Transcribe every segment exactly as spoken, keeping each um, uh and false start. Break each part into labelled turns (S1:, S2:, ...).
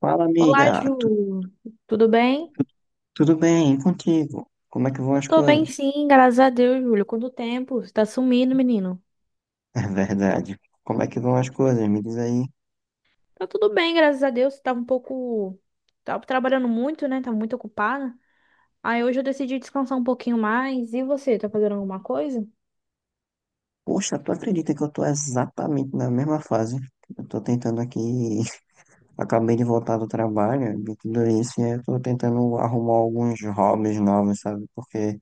S1: Fala,
S2: Olá,
S1: amiga. Tu-
S2: Ju. Tudo bem?
S1: tudo bem? E contigo? Como é que vão
S2: Eu
S1: as
S2: tô bem,
S1: coisas?
S2: sim, graças a Deus, Júlio. Quanto tempo? Você tá sumindo, menino?
S1: É verdade. Como é que vão as coisas? Me diz aí.
S2: Tá tudo bem, graças a Deus. Você tava um pouco. Tava trabalhando muito, né? Tava muito ocupada. Aí hoje eu decidi descansar um pouquinho mais. E você, tá fazendo alguma coisa?
S1: Poxa, tu acredita que eu tô exatamente na mesma fase? Eu tô tentando aqui. Acabei de voltar do trabalho, de tudo isso, e eu tô tentando arrumar alguns hobbies novos, sabe? Porque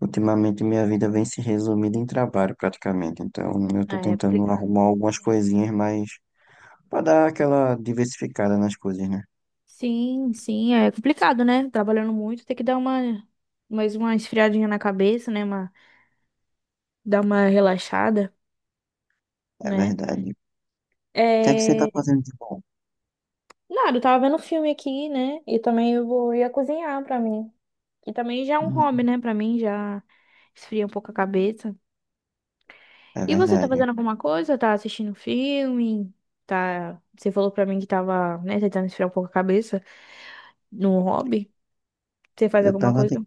S1: ultimamente minha vida vem se resumindo em trabalho, praticamente. Então, eu tô
S2: É
S1: tentando
S2: complicado.
S1: arrumar algumas coisinhas mais pra dar aquela diversificada nas coisas, né?
S2: Sim, sim, é complicado, né? Trabalhando muito, tem que dar uma. Mais uma esfriadinha na cabeça, né? Uma... Dar uma relaxada,
S1: É
S2: né?
S1: verdade. O que é que você tá
S2: É...
S1: fazendo de bom?
S2: Nada, eu tava vendo filme aqui, né? E também eu vou ia cozinhar pra mim. Que também já é um hobby,
S1: Uhum.
S2: né? Pra mim já esfria um pouco a cabeça.
S1: É
S2: E você tá
S1: verdade.
S2: fazendo alguma coisa? Tá assistindo filme? Tá... Você falou pra mim que tava, né, tentando esfriar um pouco a cabeça no hobby. Você faz
S1: Eu
S2: alguma
S1: tava, te-
S2: coisa?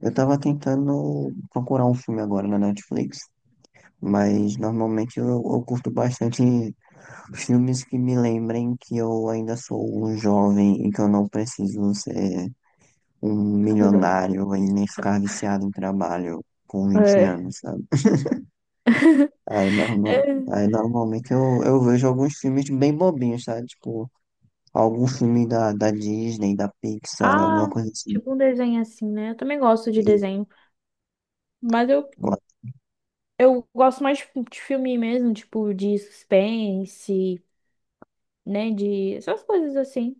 S1: eu tava tentando procurar um filme agora na Netflix, mas normalmente eu, eu curto bastante filmes que me lembrem que eu ainda sou um jovem e que eu não preciso ser um milionário e nem ficar viciado em trabalho com vinte
S2: É.
S1: anos, sabe? Aí,
S2: É.
S1: normal, aí normalmente eu, eu vejo alguns filmes bem bobinhos, sabe? Tipo, algum filme da, da Disney, da Pixar, alguma
S2: Ah,
S1: coisa assim.
S2: tipo um desenho assim, né? Eu também gosto de desenho. Mas eu, eu gosto mais de de filme mesmo, tipo de suspense, né? De essas coisas assim.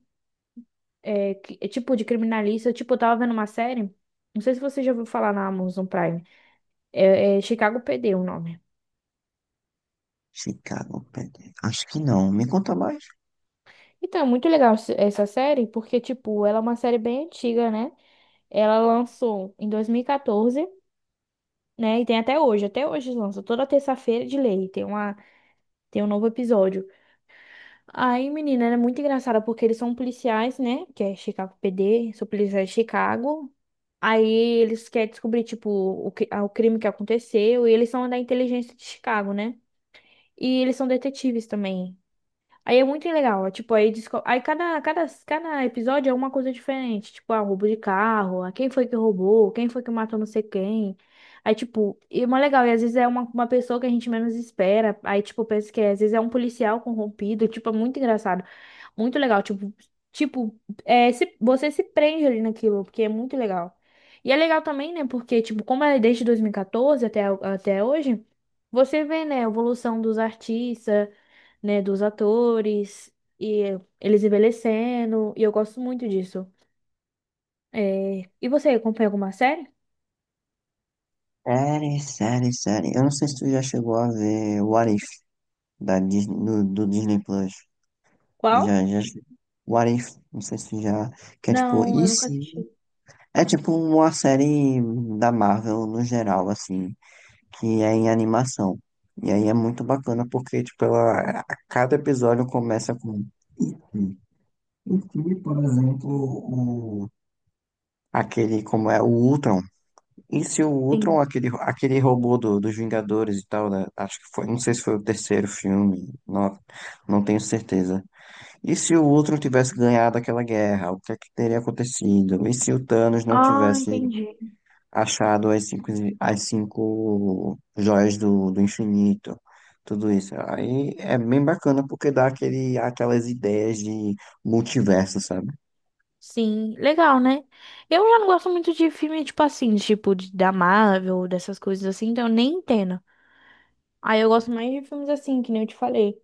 S2: É, que- é tipo de criminalista. Tipo, eu tava vendo uma série. Não sei se você já ouviu falar na Amazon Prime. É, é Chicago P D o nome.
S1: Chicago Bad. Acho que não. Me conta mais.
S2: Então, é muito legal esse- essa série, porque, tipo, ela é uma série bem antiga, né? Ela lançou em dois mil e quatorze, né? E tem até hoje. Até hoje lança. Toda terça-feira de lei. Tem uma, tem um novo episódio. Aí, menina, era muito engraçada porque eles são policiais, né? Que é Chicago P D, são policiais de Chicago. Aí eles querem descobrir, tipo, o, cri- ah, o crime que aconteceu. E eles são da inteligência de Chicago, né? E eles são detetives também. Aí é muito legal, ó, tipo, aí, desco- aí cada, cada, cada episódio é uma coisa diferente, tipo, ah, roubo de carro, ah, quem foi que roubou, quem foi que matou não sei quem, aí, tipo, e é mó legal, e às vezes é uma, uma pessoa que a gente menos espera, aí, tipo, pensa que é, às vezes é um policial corrompido, tipo, é muito engraçado, muito legal, tipo, tipo, é, se, você se prende ali naquilo, porque é muito legal. E é legal também, né, porque, tipo, como é desde dois mil e quatorze até, até hoje, você vê, né, a evolução dos artistas, né, dos atores e eh, eles envelhecendo, e eu gosto muito disso. É, e você acompanha alguma série?
S1: Série, série, série. Eu não sei se tu já chegou a ver What If da Disney, do, do Disney Plus.
S2: Qual?
S1: Já, já. What If? Não sei se tu já. Que é tipo,
S2: Não,
S1: e
S2: eu nunca
S1: se?
S2: assisti.
S1: É tipo uma série da Marvel no geral, assim, que é em animação. E aí é muito bacana porque, tipo, ela, a cada episódio começa com. E se? E se, por exemplo, o, aquele, como é, o Ultron. E se o Ultron,
S2: Sim.
S1: aquele, aquele robô do- dos Vingadores e tal, né? Acho que foi, não sei se foi o terceiro filme, não, não tenho certeza. E se o Ultron tivesse ganhado aquela guerra, o que é que teria acontecido? E se o Thanos não
S2: Ah,
S1: tivesse
S2: entendi.
S1: achado as cinco, as cinco joias do, do infinito? Tudo isso. Aí é bem bacana porque dá aquele, aquelas ideias de multiverso, sabe?
S2: Sim, legal, né? Eu já não gosto muito de filme, tipo assim, tipo de, da Marvel, dessas coisas assim, então eu nem entendo. Aí eu gosto mais de filmes assim, que nem eu te falei.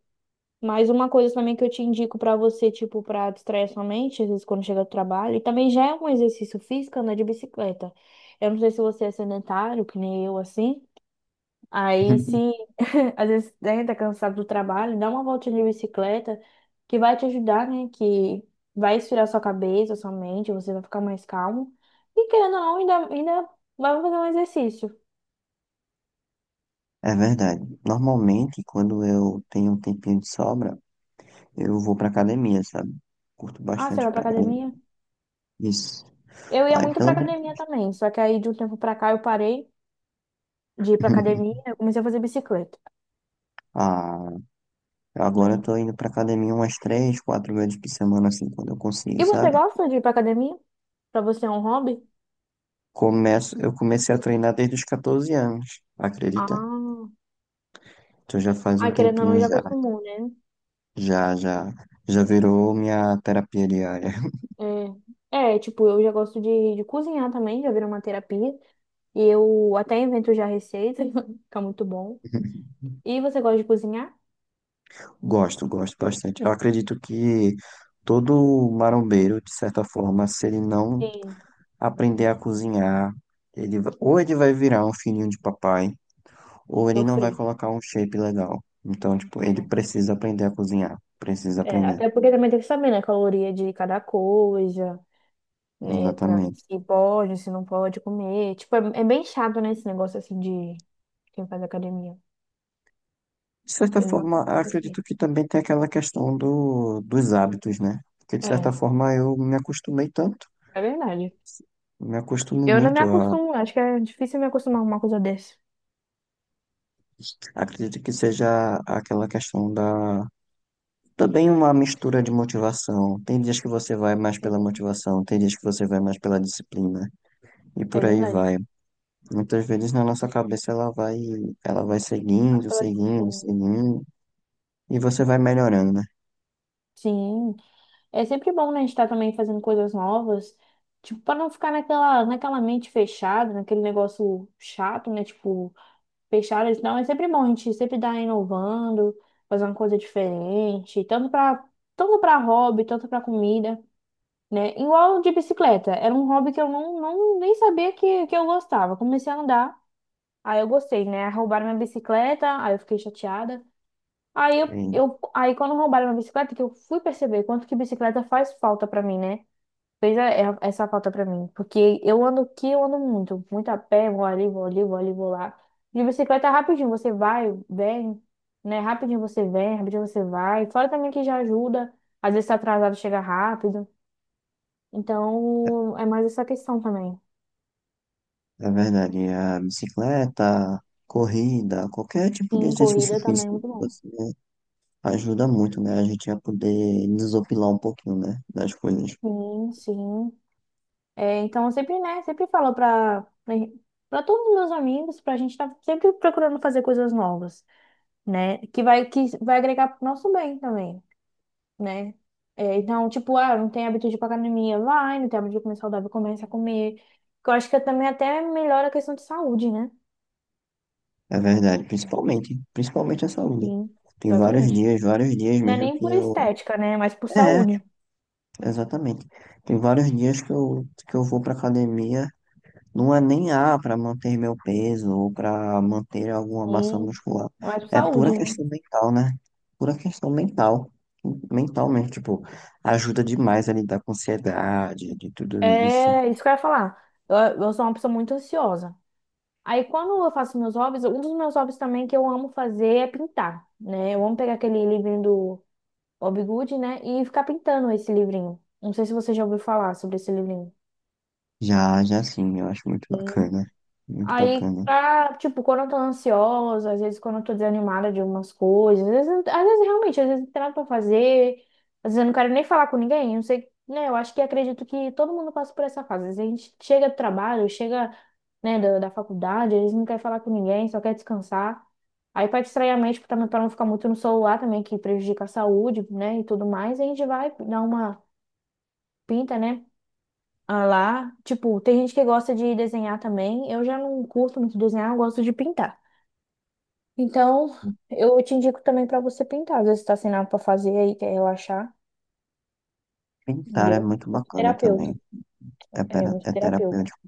S2: Mas uma coisa também que eu te indico pra você, tipo, pra distrair sua mente, às vezes quando chega do trabalho, e também já é um exercício físico andar de bicicleta. Eu não sei se você é sedentário, que nem eu, assim. Aí, se às vezes né, tá cansado do trabalho, dá uma voltinha de bicicleta, que vai te ajudar, né? Que vai esfriar sua cabeça, sua mente, você vai ficar mais calmo. E querendo ou não, ainda, ainda vai fazer um exercício.
S1: É verdade. Normalmente, quando eu tenho um tempinho de sobra, eu vou pra academia, sabe? Curto
S2: Ah, você
S1: bastante ir
S2: vai pra
S1: pra academia.
S2: academia?
S1: Isso.
S2: Eu ia
S1: Aí,
S2: muito pra
S1: pelo menos.
S2: academia também, só que aí de um tempo pra cá eu parei de ir pra academia, eu comecei a fazer bicicleta,
S1: Ah, agora eu
S2: né?
S1: tô indo pra academia umas três, quatro vezes por semana, assim, quando eu consigo,
S2: E você
S1: sabe?
S2: gosta de ir pra academia? Pra você é um hobby?
S1: Começo, eu comecei a treinar desde os catorze anos, acredita?
S2: Ah,
S1: Então já faz
S2: ah,
S1: um
S2: querendo ou
S1: tempinho
S2: não, já
S1: já.
S2: acostumou, né?
S1: Já, já. Já virou minha terapia diária.
S2: É, é, tipo, eu já gosto de, de cozinhar também, já virou uma terapia. E eu até invento já receita, fica muito bom. E você gosta de cozinhar?
S1: Gosto, gosto bastante. Eu acredito que todo marombeiro, de certa forma, se ele não
S2: Sim,
S1: aprender a cozinhar. Ele, va- ou ele vai virar um filhinho de papai, ou ele não
S2: sofri.
S1: vai colocar um shape legal. Então, tipo,
S2: É,
S1: ele precisa aprender a cozinhar. Precisa
S2: é,
S1: aprender.
S2: até porque também tem que saber, né, a caloria de cada coisa, né, pra ver
S1: Exatamente.
S2: se pode, se não pode comer. Tipo, é, é bem chato, né, esse negócio assim de quem faz academia.
S1: De certa
S2: Eu,
S1: forma,
S2: tipo assim,
S1: acredito que também tem aquela questão do, dos hábitos, né? Porque, de certa
S2: é,
S1: forma, eu me acostumei tanto.
S2: é verdade.
S1: Me acostumo
S2: Eu não me
S1: muito a.
S2: acostumo, acho que é difícil me acostumar com uma coisa dessa.
S1: Acredito que seja aquela questão da. Também uma mistura de motivação. Tem dias que você vai mais pela
S2: Sim,
S1: motivação, tem dias que você vai mais pela disciplina. E
S2: é
S1: por aí
S2: verdade.
S1: vai. Muitas vezes na nossa cabeça ela vai, ela vai
S2: Mas
S1: seguindo,
S2: pela
S1: seguindo,
S2: disciplina.
S1: seguindo, e você vai melhorando, né?
S2: Sim, é sempre bom, né, a gente estar também fazendo coisas novas, tipo, para não ficar naquela, naquela, mente fechada, naquele negócio chato, né, tipo, fechado, não, é sempre bom a gente sempre estar inovando, fazer uma coisa diferente, tanto para tanto para hobby, tanto para comida. Né? Igual de bicicleta, era um hobby que eu não, não nem sabia que, que eu gostava. Comecei a andar, aí eu gostei, né? Roubaram minha bicicleta, aí eu fiquei chateada. Aí eu,
S1: E,
S2: eu aí quando roubaram minha bicicleta, que eu fui perceber quanto que bicicleta faz falta pra mim, né? Fez a- é- essa falta pra mim, porque eu ando aqui, eu ando muito, muito a pé, vou ali, vou ali, vou ali, vou lá. De bicicleta é rapidinho, você vai, vem, né? Rapidinho você vem, rapidinho você vai. Fora também que já ajuda, às vezes tá atrasado, chega rápido. Então, é mais essa questão também.
S1: é verdade, a bicicleta, corrida, qualquer tipo de
S2: Sim,
S1: exercício
S2: corrida também é
S1: físico,
S2: muito bom.
S1: você ajuda muito, né? A gente a poder desopilar um pouquinho, né? Das coisas.
S2: Sim, sim. É, então, eu sempre, né, sempre falo para para todos os meus amigos, para a gente estar sempre procurando fazer coisas novas, né? Que vai, que vai agregar pro nosso bem também, né? É, então, tipo, ah, não tem hábito de ir pra academia, vai, não tem hábito de comer saudável, começa a comer. Que eu acho que também até melhora a questão de saúde, né?
S1: É verdade, principalmente, principalmente a saúde.
S2: Sim,
S1: Tem vários
S2: exatamente.
S1: dias, vários dias
S2: Não é
S1: mesmo
S2: nem
S1: que
S2: por
S1: eu.
S2: estética, né? Mas por
S1: É,
S2: saúde.
S1: exatamente. Tem vários dias que eu, que eu vou pra academia. Não é nem A para manter meu peso ou para manter alguma massa
S2: Sim,
S1: muscular.
S2: é mais por
S1: É pura
S2: saúde, né?
S1: questão mental, né? Pura questão mental. Mentalmente, tipo, ajuda demais a lidar com ansiedade, de tudo isso.
S2: É isso que eu ia falar. Eu, eu sou uma pessoa muito ansiosa. Aí, quando eu faço meus hobbies, um dos meus hobbies também que eu amo fazer é pintar, né? Eu amo pegar aquele livrinho do Bob Good, né? E ficar pintando esse livrinho. Não sei se você já ouviu falar sobre esse livrinho.
S1: Já, já sim, eu acho muito
S2: Sim.
S1: bacana. Muito
S2: Aí,
S1: bacana.
S2: pra, tipo, quando eu tô ansiosa, às vezes quando eu tô desanimada de algumas coisas, às vezes, às vezes, realmente, às vezes não tem nada pra fazer, às vezes eu não quero nem falar com ninguém, não sei, né? Eu acho que acredito que todo mundo passa por essa fase. Às vezes a gente chega do trabalho, chega, né, da, da faculdade, às vezes não quer falar com ninguém, só quer descansar. Aí, pra distrair a mente, pra, também- pra não ficar muito no celular também, que prejudica a saúde, né, e tudo mais, a gente vai dar uma pinta, né? ah, lá. Tipo, tem gente que gosta de desenhar também. Eu já não curto muito desenhar, eu gosto de pintar. Então, eu te indico também pra você pintar. Às vezes tá sem nada pra fazer aí, quer relaxar,
S1: Pintar é
S2: entendeu?
S1: muito
S2: Muito
S1: bacana também.
S2: terapeuta.
S1: É,
S2: É,
S1: pera-
S2: muito
S1: é
S2: terapêutico.
S1: terapêutico.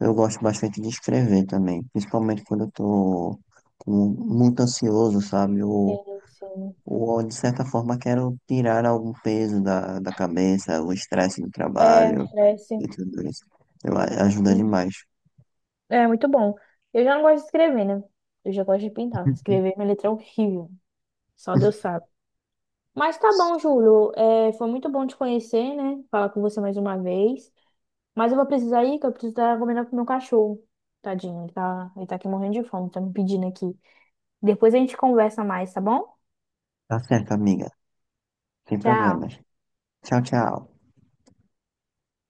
S1: Eu gosto bastante de escrever também, principalmente quando eu tô com- muito ansioso, sabe? Ou
S2: Sim, sim.
S1: Ou, de certa forma, quero tirar algum peso da, da cabeça, o estresse do
S2: É, não
S1: trabalho
S2: estresse.
S1: e tudo isso. Eu, a- ajuda
S2: Sim.
S1: demais.
S2: É muito bom. Eu já não gosto de escrever, né? Eu já gosto de pintar. Escrever minha letra é horrível. Só Deus sabe. Mas tá bom, Júlio. É, foi muito bom te conhecer, né? Falar com você mais uma vez. Mas eu vou precisar ir, que eu preciso estar comendo com o meu cachorro. Tadinho, ele tá, ele tá aqui morrendo de fome, tá me pedindo aqui. Depois a gente conversa mais, tá bom?
S1: Tá certo, amiga. Sem
S2: Tchau.
S1: problemas. Tchau, tchau.